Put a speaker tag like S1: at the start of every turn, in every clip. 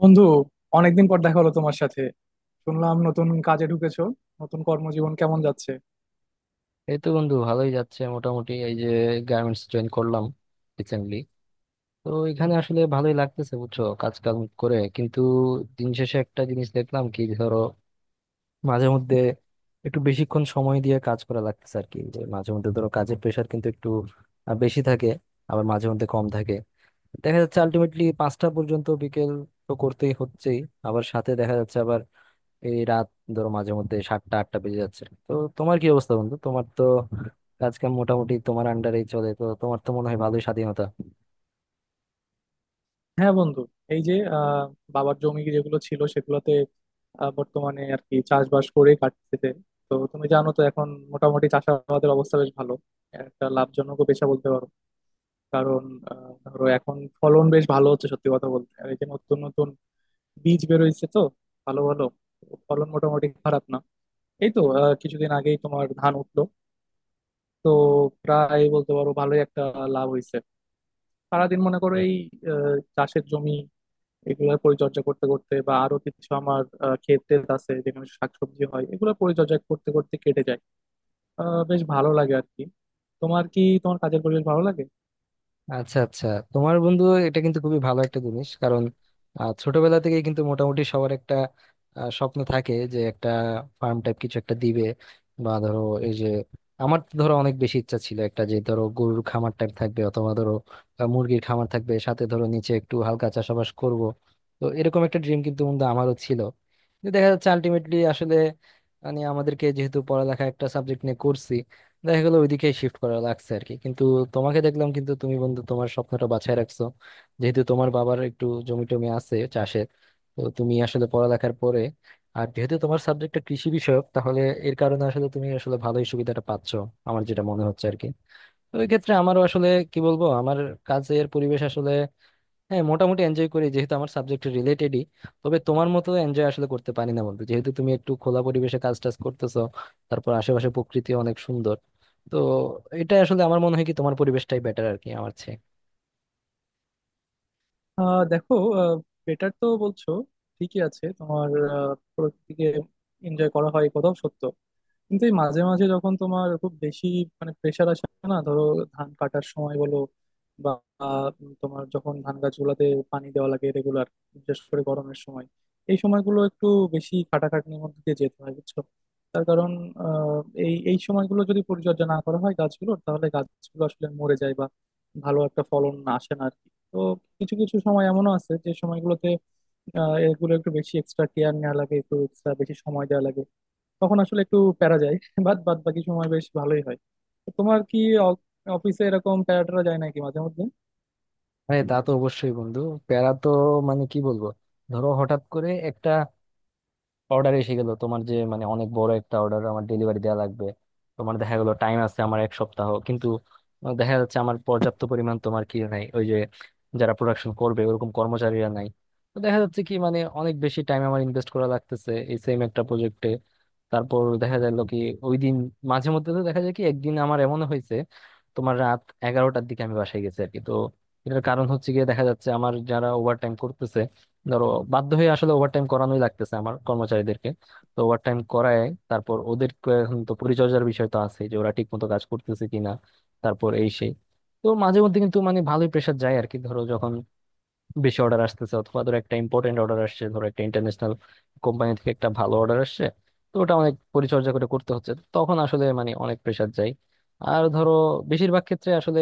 S1: বন্ধু, অনেকদিন পর দেখা হলো তোমার সাথে। শুনলাম নতুন কাজে ঢুকেছো। নতুন কর্মজীবন কেমন যাচ্ছে?
S2: এই তো বন্ধু, ভালোই যাচ্ছে মোটামুটি। এই যে গার্মেন্টস জয়েন করলাম রিসেন্টলি। তো এখানে আসলে ভালোই লাগতেছে, বুঝছো, কাজ কাম করে, কিন্তু দিন শেষে একটা জিনিস দেখলাম কি, ধরো মাঝে মধ্যে একটু বেশিক্ষণ সময় দিয়ে কাজ করা লাগতেছে আর কি। যে মাঝে মধ্যে ধরো কাজের প্রেশার কিন্তু একটু বেশি থাকে, আবার মাঝে মধ্যে কম থাকে। দেখা যাচ্ছে আলটিমেটলি 5টা পর্যন্ত বিকেল তো করতেই হচ্ছেই, আবার সাথে দেখা যাচ্ছে আবার এই রাত, ধরো মাঝে মধ্যে 7টা 8টা বেজে যাচ্ছে। তো তোমার কি অবস্থা বন্ধু? তোমার তো কাজ কাম মোটামুটি তোমার আন্ডারেই চলে, তো তোমার তো মনে হয় ভালোই স্বাধীনতা।
S1: হ্যাঁ বন্ধু, এই যে বাবার জমি যেগুলো ছিল সেগুলোতে বর্তমানে আর কি চাষবাস করে কাটতেছে। তো তুমি জানো তো এখন মোটামুটি চাষাবাদের অবস্থা বেশ ভালো, একটা লাভজনক পেশা বলতে পারো। কারণ ধরো এখন ফলন বেশ ভালো হচ্ছে সত্যি কথা বলতে, আর এই যে নতুন নতুন বীজ বেরোইছে তো, ভালো ভালো, তো ফলন মোটামুটি খারাপ না। এই তো কিছুদিন আগেই তোমার ধান উঠলো, তো প্রায় বলতে পারো ভালোই একটা লাভ হইছে। সারাদিন মনে করো এই চাষের জমি, এগুলোর পরিচর্যা করতে করতে, বা আরো কিছু আমার ক্ষেত টেত আছে যেখানে শাকসবজি হয়, এগুলো পরিচর্যা করতে করতে কেটে যায়। বেশ ভালো লাগে আর কি। তোমার কি, তোমার কাজের পরিবেশ ভালো লাগে?
S2: আচ্ছা আচ্ছা, তোমার বন্ধু এটা কিন্তু খুবই ভালো একটা জিনিস। কারণ ছোটবেলা থেকেই কিন্তু মোটামুটি সবার একটা স্বপ্ন থাকে যে একটা ফার্ম টাইপ কিছু একটা দিবে, বা ধরো এই যে, আমার তো ধরো অনেক বেশি ইচ্ছা ছিল একটা, যে ধরো গরুর খামার টাইপ থাকবে অথবা ধরো মুরগির খামার থাকবে, সাথে ধরো নিচে একটু হালকা চাষাবাস করব। তো এরকম একটা ড্রিম কিন্তু বন্ধু আমারও ছিল, কিন্তু দেখা যাচ্ছে আলটিমেটলি আসলে মানে আমাদেরকে, যেহেতু পড়ালেখা একটা সাবজেক্ট নিয়ে করছি, দেখা গেলো ওইদিকে শিফট করা লাগছে আর কি। কিন্তু তোমাকে দেখলাম কিন্তু, তুমি বন্ধু তোমার স্বপ্নটা বাঁচায় রাখছো। যেহেতু তোমার বাবার একটু জমি টমি আছে চাষের, তো তুমি আসলে পড়ালেখার পরে, আর যেহেতু তোমার সাবজেক্টটা কৃষি বিষয়ক, তাহলে এর কারণে আসলে তুমি আসলে ভালোই সুবিধাটা পাচ্ছো, আমার যেটা মনে হচ্ছে আর কি। তো ওই ক্ষেত্রে আমারও আসলে কি বলবো, আমার কাজের পরিবেশ আসলে হ্যাঁ মোটামুটি এনজয় করি, যেহেতু আমার সাবজেক্ট রিলেটেডই। তবে তোমার মতো এনজয় আসলে করতে পারি না বন্ধু, যেহেতু তুমি একটু খোলা পরিবেশে কাজ টাজ করতেছো, তারপর আশেপাশে প্রকৃতি অনেক সুন্দর। তো এটা আসলে আমার মনে হয় কি, তোমার পরিবেশটাই বেটার আর কি আমার চেয়ে।
S1: দেখো, বেটার তো বলছো, ঠিকই আছে। তোমার প্রকৃতিকে এনজয় করা হয়, এই কথাও সত্য। কিন্তু এই মাঝে মাঝে যখন তোমার খুব বেশি মানে প্রেশার আসে, না ধরো, ধান কাটার সময় বলো বা আহ, তোমার যখন ধান গাছগুলোতে পানি দেওয়া লাগে রেগুলার, বিশেষ করে গরমের সময়, এই সময়গুলো একটু বেশি খাটাখাটনির মধ্যে দিয়ে যেতে হয় বুঝছো। তার কারণ আহ, এই এই সময়গুলো যদি পরিচর্যা না করা হয় গাছগুলোর, তাহলে গাছগুলো আসলে মরে যায় বা ভালো একটা ফলন আসে না আর কি। তো কিছু কিছু সময় এমনও আছে যে সময়গুলোতে এগুলো একটু বেশি এক্সট্রা কেয়ার নেওয়া লাগে, একটু এক্সট্রা বেশি সময় দেওয়া লাগে, তখন আসলে একটু প্যারা যায়। বাদ বাদ বাকি সময় বেশ ভালোই হয়। তো তোমার কি অ- অফিসে এরকম প্যারা ট্যারা যায় নাকি মাঝে মধ্যে?
S2: আরে তা তো অবশ্যই বন্ধু, প্যারা তো মানে কি বলবো, ধরো হঠাৎ করে একটা অর্ডার এসে গেল, তোমার যে মানে অনেক বড় একটা অর্ডার আমার ডেলিভারি দেওয়া লাগবে। তোমার দেখা গেলো টাইম আছে আমার 1 সপ্তাহ, কিন্তু দেখা যাচ্ছে আমার পর্যাপ্ত পরিমাণ তোমার কি নাই, ওই যে যারা প্রোডাকশন করবে ওরকম কর্মচারীরা নাই। তো দেখা যাচ্ছে কি, মানে অনেক বেশি টাইম আমার ইনভেস্ট করা লাগতেছে এই সেম একটা প্রজেক্টে। তারপর দেখা গেল কি, ওই দিন মাঝে মধ্যে তো দেখা যায় কি, একদিন আমার এমন হয়েছে তোমার রাত 11টার দিকে আমি বাসায় গেছি আর কি। তো এটার কারণ হচ্ছে, গিয়ে দেখা যাচ্ছে আমার যারা ওভার টাইম করতেছে, ধরো বাধ্য হয়ে আসলে ওভারটাইম করানোই লাগতেছে আমার কর্মচারীদেরকে। তো ওভারটাইম করায়, তারপর ওদের এখন তো পরিচর্যার বিষয় তো আছে যে ওরা ঠিক মতো কাজ করতেছে কিনা, তারপর এই সেই। তো মাঝে মধ্যে কিন্তু মানে ভালোই প্রেশার যায় আর কি, ধরো যখন বেশি অর্ডার আসতেছে, অথবা ধরো একটা ইম্পর্টেন্ট অর্ডার আসছে, ধরো একটা ইন্টারন্যাশনাল কোম্পানি থেকে একটা ভালো অর্ডার আসছে, তো ওটা অনেক পরিচর্যা করে করতে হচ্ছে, তখন আসলে মানে অনেক প্রেশার যায়। আর ধরো বেশিরভাগ ক্ষেত্রে আসলে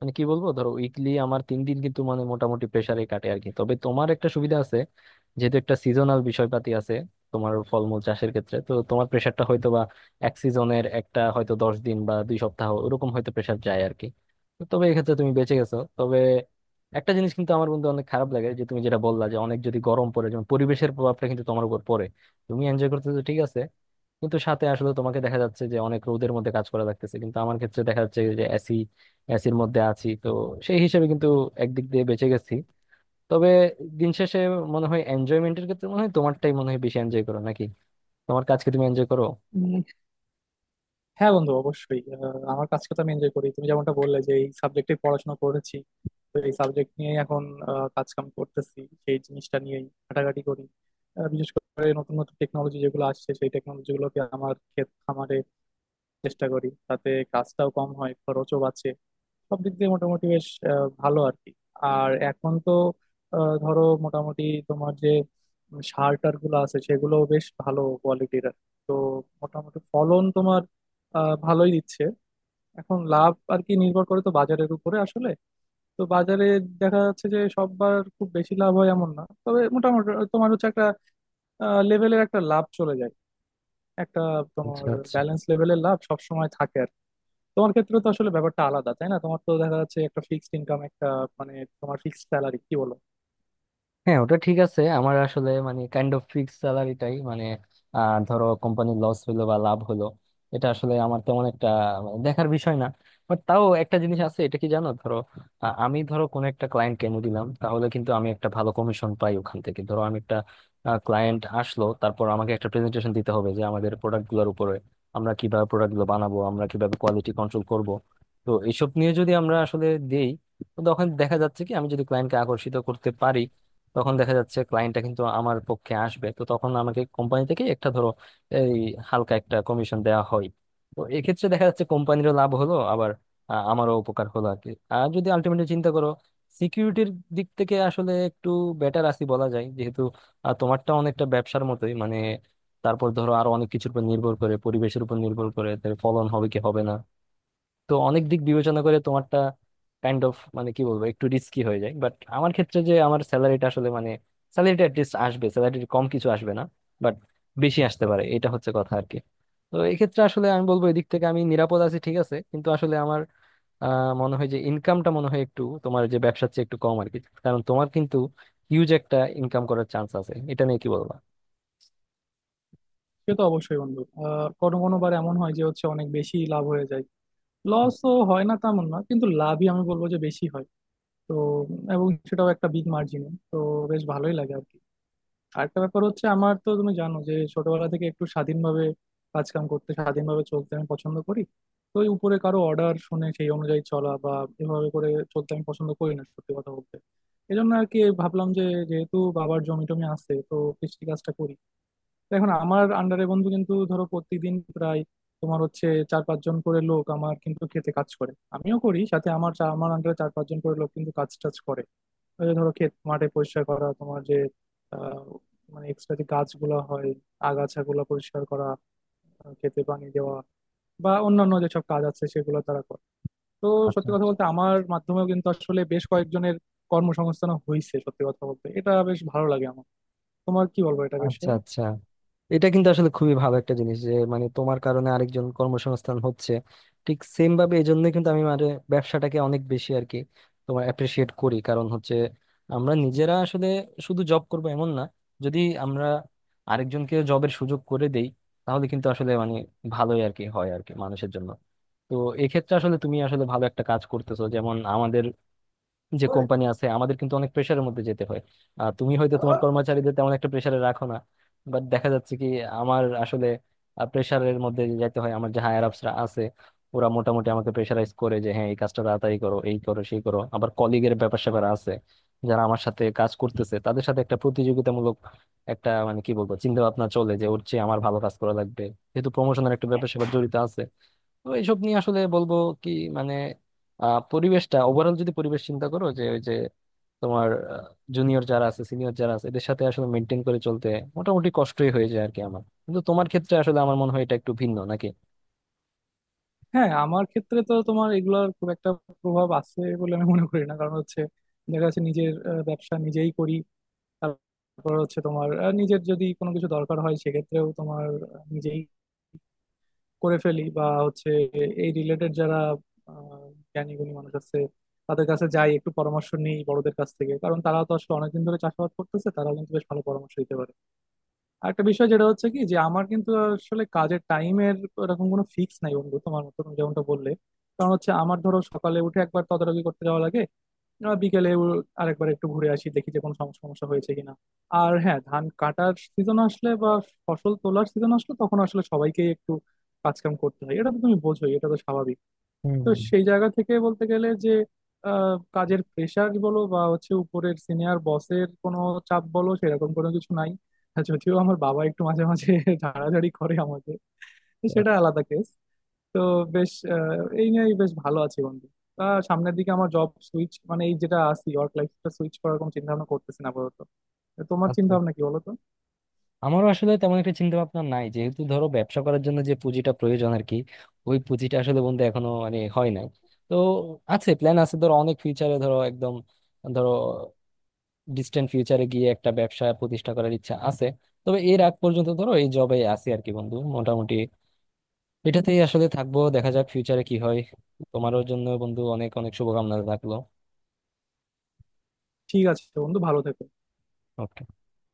S2: মানে কি বলবো, ধরো উইকলি আমার 3 দিন কিন্তু মানে মোটামুটি প্রেসারে কাটে আর কি। তবে তোমার একটা সুবিধা আছে, যেহেতু একটা সিজনাল বিষয়পাতি আছে তোমার ফলমূল চাষের ক্ষেত্রে, তো তোমার প্রেসারটা হয়তো বা এক সিজনের একটা, হয়তো 10 দিন বা 2 সপ্তাহ ওরকম হয়তো প্রেসার যায় আর কি। তো তবে এক্ষেত্রে তুমি বেঁচে গেছো। তবে একটা জিনিস কিন্তু আমার বন্ধু অনেক খারাপ লাগে, যে তুমি যেটা বললা, যে অনেক যদি গরম পড়ে, যেমন পরিবেশের প্রভাবটা কিন্তু তোমার উপর পড়ে। তুমি এনজয় করতেছো ঠিক আছে, কিন্তু সাথে আসলে তোমাকে দেখা যাচ্ছে যে অনেক রোদের মধ্যে কাজ করা লাগতেছে, কিন্তু আমার ক্ষেত্রে দেখা যাচ্ছে যে এসি, এসির মধ্যে আছি তো, সেই হিসেবে কিন্তু একদিক দিয়ে বেঁচে গেছি। তবে দিন শেষে মনে হয় এনজয়মেন্টের ক্ষেত্রে মনে হয় তোমারটাই মনে হয় বেশি, এনজয় করো নাকি, তোমার কাজকে তুমি এনজয় করো?
S1: উম, হ্যাঁ বন্ধু, অবশ্যই আমার কাজকে তো আমি এনজয় করি। তুমি যেমনটা বললে, যে এই সাবজেক্টে পড়াশোনা করেছি, তো এই সাবজেক্ট নিয়েই এখন কাজ কাম করতেছি। সেই জিনিসটা নিয়েই ঘাটাঘাটি করি। বিশেষ করে নতুন নতুন টেকনোলজি যেগুলো আসছে, সেই টেকনোলজি গুলোকে আমার ক্ষেত খামারে চেষ্টা করি, তাতে কাজটাও কম হয়, খরচও বাঁচে। সব দিক দিয়ে মোটামুটি বেশ ভালো আর কি। আর এখন তো ধরো মোটামুটি তোমার যে সার টার গুলো আছে সেগুলো বেশ ভালো কোয়ালিটির, তো মোটামুটি ফলন তোমার ভালোই দিচ্ছে। এখন লাভ আর কি নির্ভর করে তো বাজারের উপরে আসলে। তো বাজারে দেখা যাচ্ছে যে সববার খুব বেশি লাভ হয় এমন না, তবে মোটামুটি তোমার হচ্ছে একটা লেভেলের একটা লাভ চলে যায়, একটা
S2: আচ্ছা
S1: তোমার
S2: আচ্ছা,
S1: ব্যালেন্স লেভেলের লাভ সবসময় থাকে আর কি। তোমার ক্ষেত্রে তো আসলে ব্যাপারটা আলাদা, তাই না? তোমার তো দেখা যাচ্ছে একটা ফিক্সড ইনকাম, একটা মানে তোমার ফিক্সড স্যালারি, কি বলো?
S2: হ্যাঁ ওটা ঠিক আছে। আমার আসলে মানে কাইন্ড অফ ফিক্স স্যালারিটাই মানে, ধরো কোম্পানি লস হলো বা লাভ হলো, এটা আসলে আমার তেমন একটা মানে দেখার বিষয় না। বাট তাও একটা জিনিস আছে, এটা কি জানো, ধরো আমি ধরো কোন একটা ক্লায়েন্ট কেনে দিলাম, তাহলে কিন্তু আমি একটা ভালো কমিশন পাই ওখান থেকে। ধরো আমি একটা ক্লায়েন্ট আসলো, তারপর আমাকে একটা প্রেজেন্টেশন দিতে হবে যে আমাদের প্রোডাক্টগুলোর উপরে, আমরা কিভাবে প্রোডাক্টগুলো বানাবো, আমরা কিভাবে কোয়ালিটি কন্ট্রোল করব। তো এইসব নিয়ে যদি আমরা আসলে দেই, তো তখন দেখা যাচ্ছে কি, আমি যদি ক্লায়েন্টকে আকর্ষিত করতে পারি, তখন দেখা যাচ্ছে ক্লায়েন্টটা কিন্তু আমার পক্ষে আসবে। তো তখন আমাকে কোম্পানি থেকে একটা ধরো এই হালকা একটা কমিশন দেওয়া হয়। তো এক্ষেত্রে দেখা যাচ্ছে কোম্পানিরও লাভ হলো, আবার আমারও উপকার হলো আর কি। আর যদি আলটিমেটলি চিন্তা করো সিকিউরিটির দিক থেকে, আসলে একটু বেটার আছি বলা যায়। যেহেতু তোমারটা অনেকটা ব্যবসার মতোই মানে, তারপর ধরো আরো অনেক কিছুর উপর নির্ভর করে, পরিবেশের উপর নির্ভর করে তার ফলন হবে কি হবে না। তো অনেক দিক বিবেচনা করে তোমারটা কাইন্ড অফ মানে কি বলবো, একটু রিস্কি হয়ে যায়। বাট আমার ক্ষেত্রে যে আমার স্যালারিটা আসলে মানে, স্যালারিটা অ্যাটলিস্ট আসবে, স্যালারির কম কিছু আসবে না। বাট বেশি আসতে পারে, এটা হচ্ছে কথা আর কি। তো এক্ষেত্রে আসলে আমি বলবো এদিক থেকে আমি নিরাপদ আছি ঠিক আছে, কিন্তু আসলে আমার আহ মনে হয় যে ইনকামটা মনে হয় একটু তোমার যে ব্যবসার চেয়ে একটু কম আর কি। কারণ তোমার কিন্তু হিউজ একটা ইনকাম করার চান্স আছে, এটা নিয়ে কি বলবো।
S1: সে তো অবশ্যই বন্ধু, আর কোনো কোনো বার এমন হয় যে হচ্ছে অনেক বেশি লাভ হয়ে যায়। লসও হয় না তেমন, না কিন্তু লাভই আমি বলবো যে বেশি হয়। তো এবং সেটাও একটা বিগ মার্জিনে, তো বেশ ভালোই লাগে আর কি। আরেকটা ব্যাপার হচ্ছে, আমার তো তুমি জানো যে ছোটবেলা থেকে একটু স্বাধীনভাবে কাজ কাম করতে, স্বাধীনভাবে চলতে আমি পছন্দ করি। তো ওই উপরে কারো অর্ডার শুনে সেই অনুযায়ী চলা, বা এভাবে করে চলতে আমি পছন্দ করি না সত্যি কথা বলতে। এই জন্য আর কি ভাবলাম যে যেহেতু বাবার জমি টমি আছে তো কৃষি কাজটা করি। তো এখন আমার আন্ডারে বন্ধু কিন্তু ধরো প্রতিদিন প্রায় তোমার হচ্ছে চার পাঁচজন করে লোক আমার কিন্তু খেতে কাজ করে, আমিও করি সাথে। আমার আমার আন্ডারে চার পাঁচজন করে লোক কিন্তু কাজ টাজ করে। ওই যে ধরো ক্ষেত মাঠে পরিষ্কার করা, তোমার যে আহ, মানে এক্সট্রা যে গাছগুলো হয়, আগাছাগুলো পরিষ্কার করা, ক্ষেতে পানি দেওয়া, বা অন্যান্য যেসব কাজ আছে সেগুলো তারা করে। তো
S2: আচ্ছা
S1: সত্যি কথা
S2: আচ্ছা।
S1: বলতে আমার মাধ্যমেও কিন্তু আসলে বেশ কয়েকজনের কর্মসংস্থান হয়েছে, সত্যি কথা বলতে এটা বেশ ভালো লাগে আমার। তোমার কি বলবো এটা
S2: আচ্ছা
S1: বিষয়ে?
S2: আচ্ছা, এটা কিন্তু আসলে খুবই ভালো একটা জিনিস যে, মানে তোমার কারণে আরেকজন কর্মসংস্থান হচ্ছে। ঠিক সেম ভাবে এই জন্য কিন্তু আমি মানে ব্যবসাটাকে অনেক বেশি আর কি তোমার অ্যাপ্রিসিয়েট করি, কারণ হচ্ছে আমরা নিজেরা আসলে শুধু জব করব এমন না, যদি আমরা আরেকজনকে জবের সুযোগ করে দেই, তাহলে কিন্তু আসলে মানে ভালোই আর কি হয় আর কি মানুষের জন্য। তো এক্ষেত্রে আসলে তুমি আসলে ভালো একটা কাজ করতেছো। যেমন যে কোম্পানি আছে, আমাদের কিন্তু অনেক প্রেশারের মধ্যে যেতে হয়, আর তুমি হয়তো তোমার কর্মচারীদের তেমন একটা প্রেশারে রাখো না। বাট দেখা যাচ্ছে কি, আমার আসলে প্রেশারের মধ্যে যেতে হয়। আমার যে হায়ার আপসরা আছে, ওরা মোটামুটি আমাকে প্রেশারাইজ করে যে হ্যাঁ এই কাজটা তাড়াতাড়ি করো, এই করো সেই করো। আবার কলিগের ব্যাপার স্যাপার আছে, যারা আমার সাথে কাজ করতেছে তাদের সাথে একটা প্রতিযোগিতামূলক একটা মানে কি বলবো চিন্তা ভাবনা চলে, যে ওর চেয়ে আমার ভালো কাজ করা লাগবে, যেহেতু প্রমোশনের একটা ব্যাপার স্যাপার জড়িত আছে। তো এইসব নিয়ে আসলে বলবো কি মানে, পরিবেশটা ওভারঅল যদি পরিবেশ চিন্তা করো, যে ওই যে তোমার জুনিয়র যারা আছে সিনিয়র যারা আছে এদের সাথে আসলে মেনটেন করে চলতে মোটামুটি কষ্টই হয়ে যায় আর কি আমার। কিন্তু তোমার ক্ষেত্রে আসলে আমার মনে হয় এটা একটু ভিন্ন নাকি?
S1: হ্যাঁ আমার ক্ষেত্রে তো তোমার এগুলোর খুব একটা প্রভাব আছে বলে আমি মনে করি না। কারণ হচ্ছে দেখা যাচ্ছে নিজের ব্যবসা নিজেই করি। তারপর হচ্ছে তোমার নিজের যদি কোনো কিছু দরকার হয় সেক্ষেত্রেও তোমার নিজেই করে ফেলি, বা হচ্ছে এই রিলেটেড যারা আহ, জ্ঞানী গুণী মানুষ আছে, তাদের কাছে যাই একটু পরামর্শ নিই, বড়দের কাছ থেকে। কারণ তারা তো আসলে অনেকদিন ধরে চাষাবাদ করতেছে, তারা কিন্তু বেশ ভালো পরামর্শ দিতে পারে। আরেকটা বিষয় যেটা হচ্ছে কি, যে আমার কিন্তু আসলে কাজের টাইমের এরকম কোনো ফিক্স নাই বন্ধু, তোমার মতো, তুমি যেমনটা বললে। কারণ হচ্ছে আমার ধরো সকালে উঠে একবার তদারকি করতে যাওয়া লাগে, বিকেলে ও আরেকবার একটু ঘুরে আসি, দেখি যে কোনো সমস্যা হয়েছে কিনা। আর হ্যাঁ ধান কাটার সিজন আসলে বা ফসল তোলার সিজন আসলে তখন আসলে সবাইকেই একটু কাজকাম করতে হয়, এটা তো তুমি বোঝোই, এটা তো স্বাভাবিক।
S2: হুম
S1: তো
S2: হুম।
S1: সেই জায়গা থেকে বলতে গেলে যে কাজের প্রেশার বলো বা হচ্ছে উপরের সিনিয়র বসের কোনো চাপ বলো, সেরকম কোনো কিছু নাই। আর যদিও আমার বাবা একটু মাঝে মাঝে ঝাড়াঝাড়ি করে আমাকে, তো সেটা
S2: আচ্ছা
S1: আলাদা কেস। তো বেশ এই নিয়েই বেশ ভালো আছি বন্ধু। তা সামনের দিকে আমার জব সুইচ মানে এই যেটা আছি ওয়ার্ক লাইফটা সুইচ করার কোনো চিন্তা ভাবনা করতেছি না আপাতত। তো তোমার চিন্তা
S2: আচ্ছা,
S1: ভাবনা কি বলো তো?
S2: আমারও আসলে তেমন একটা চিন্তা ভাবনা নাই, যেহেতু ধরো ব্যবসা করার জন্য যে পুঁজিটা প্রয়োজন আর কি, ওই পুঁজিটা আসলে বন্ধু এখনো মানে হয় নাই। তো আছে, প্ল্যান আছে ধরো অনেক ফিউচারে, ধরো একদম ধরো ডিস্টেন্ট ফিউচারে গিয়ে একটা ব্যবসা প্রতিষ্ঠা করার ইচ্ছা আছে। তবে এর আগ পর্যন্ত ধরো এই জবে আছি আর কি বন্ধু, মোটামুটি এটাতেই আসলে থাকবো, দেখা যাক ফিউচারে কি হয়। তোমারও জন্য বন্ধু অনেক অনেক শুভকামনা থাকলো।
S1: ঠিক আছে বন্ধু, ভালো থেকো।
S2: Okay.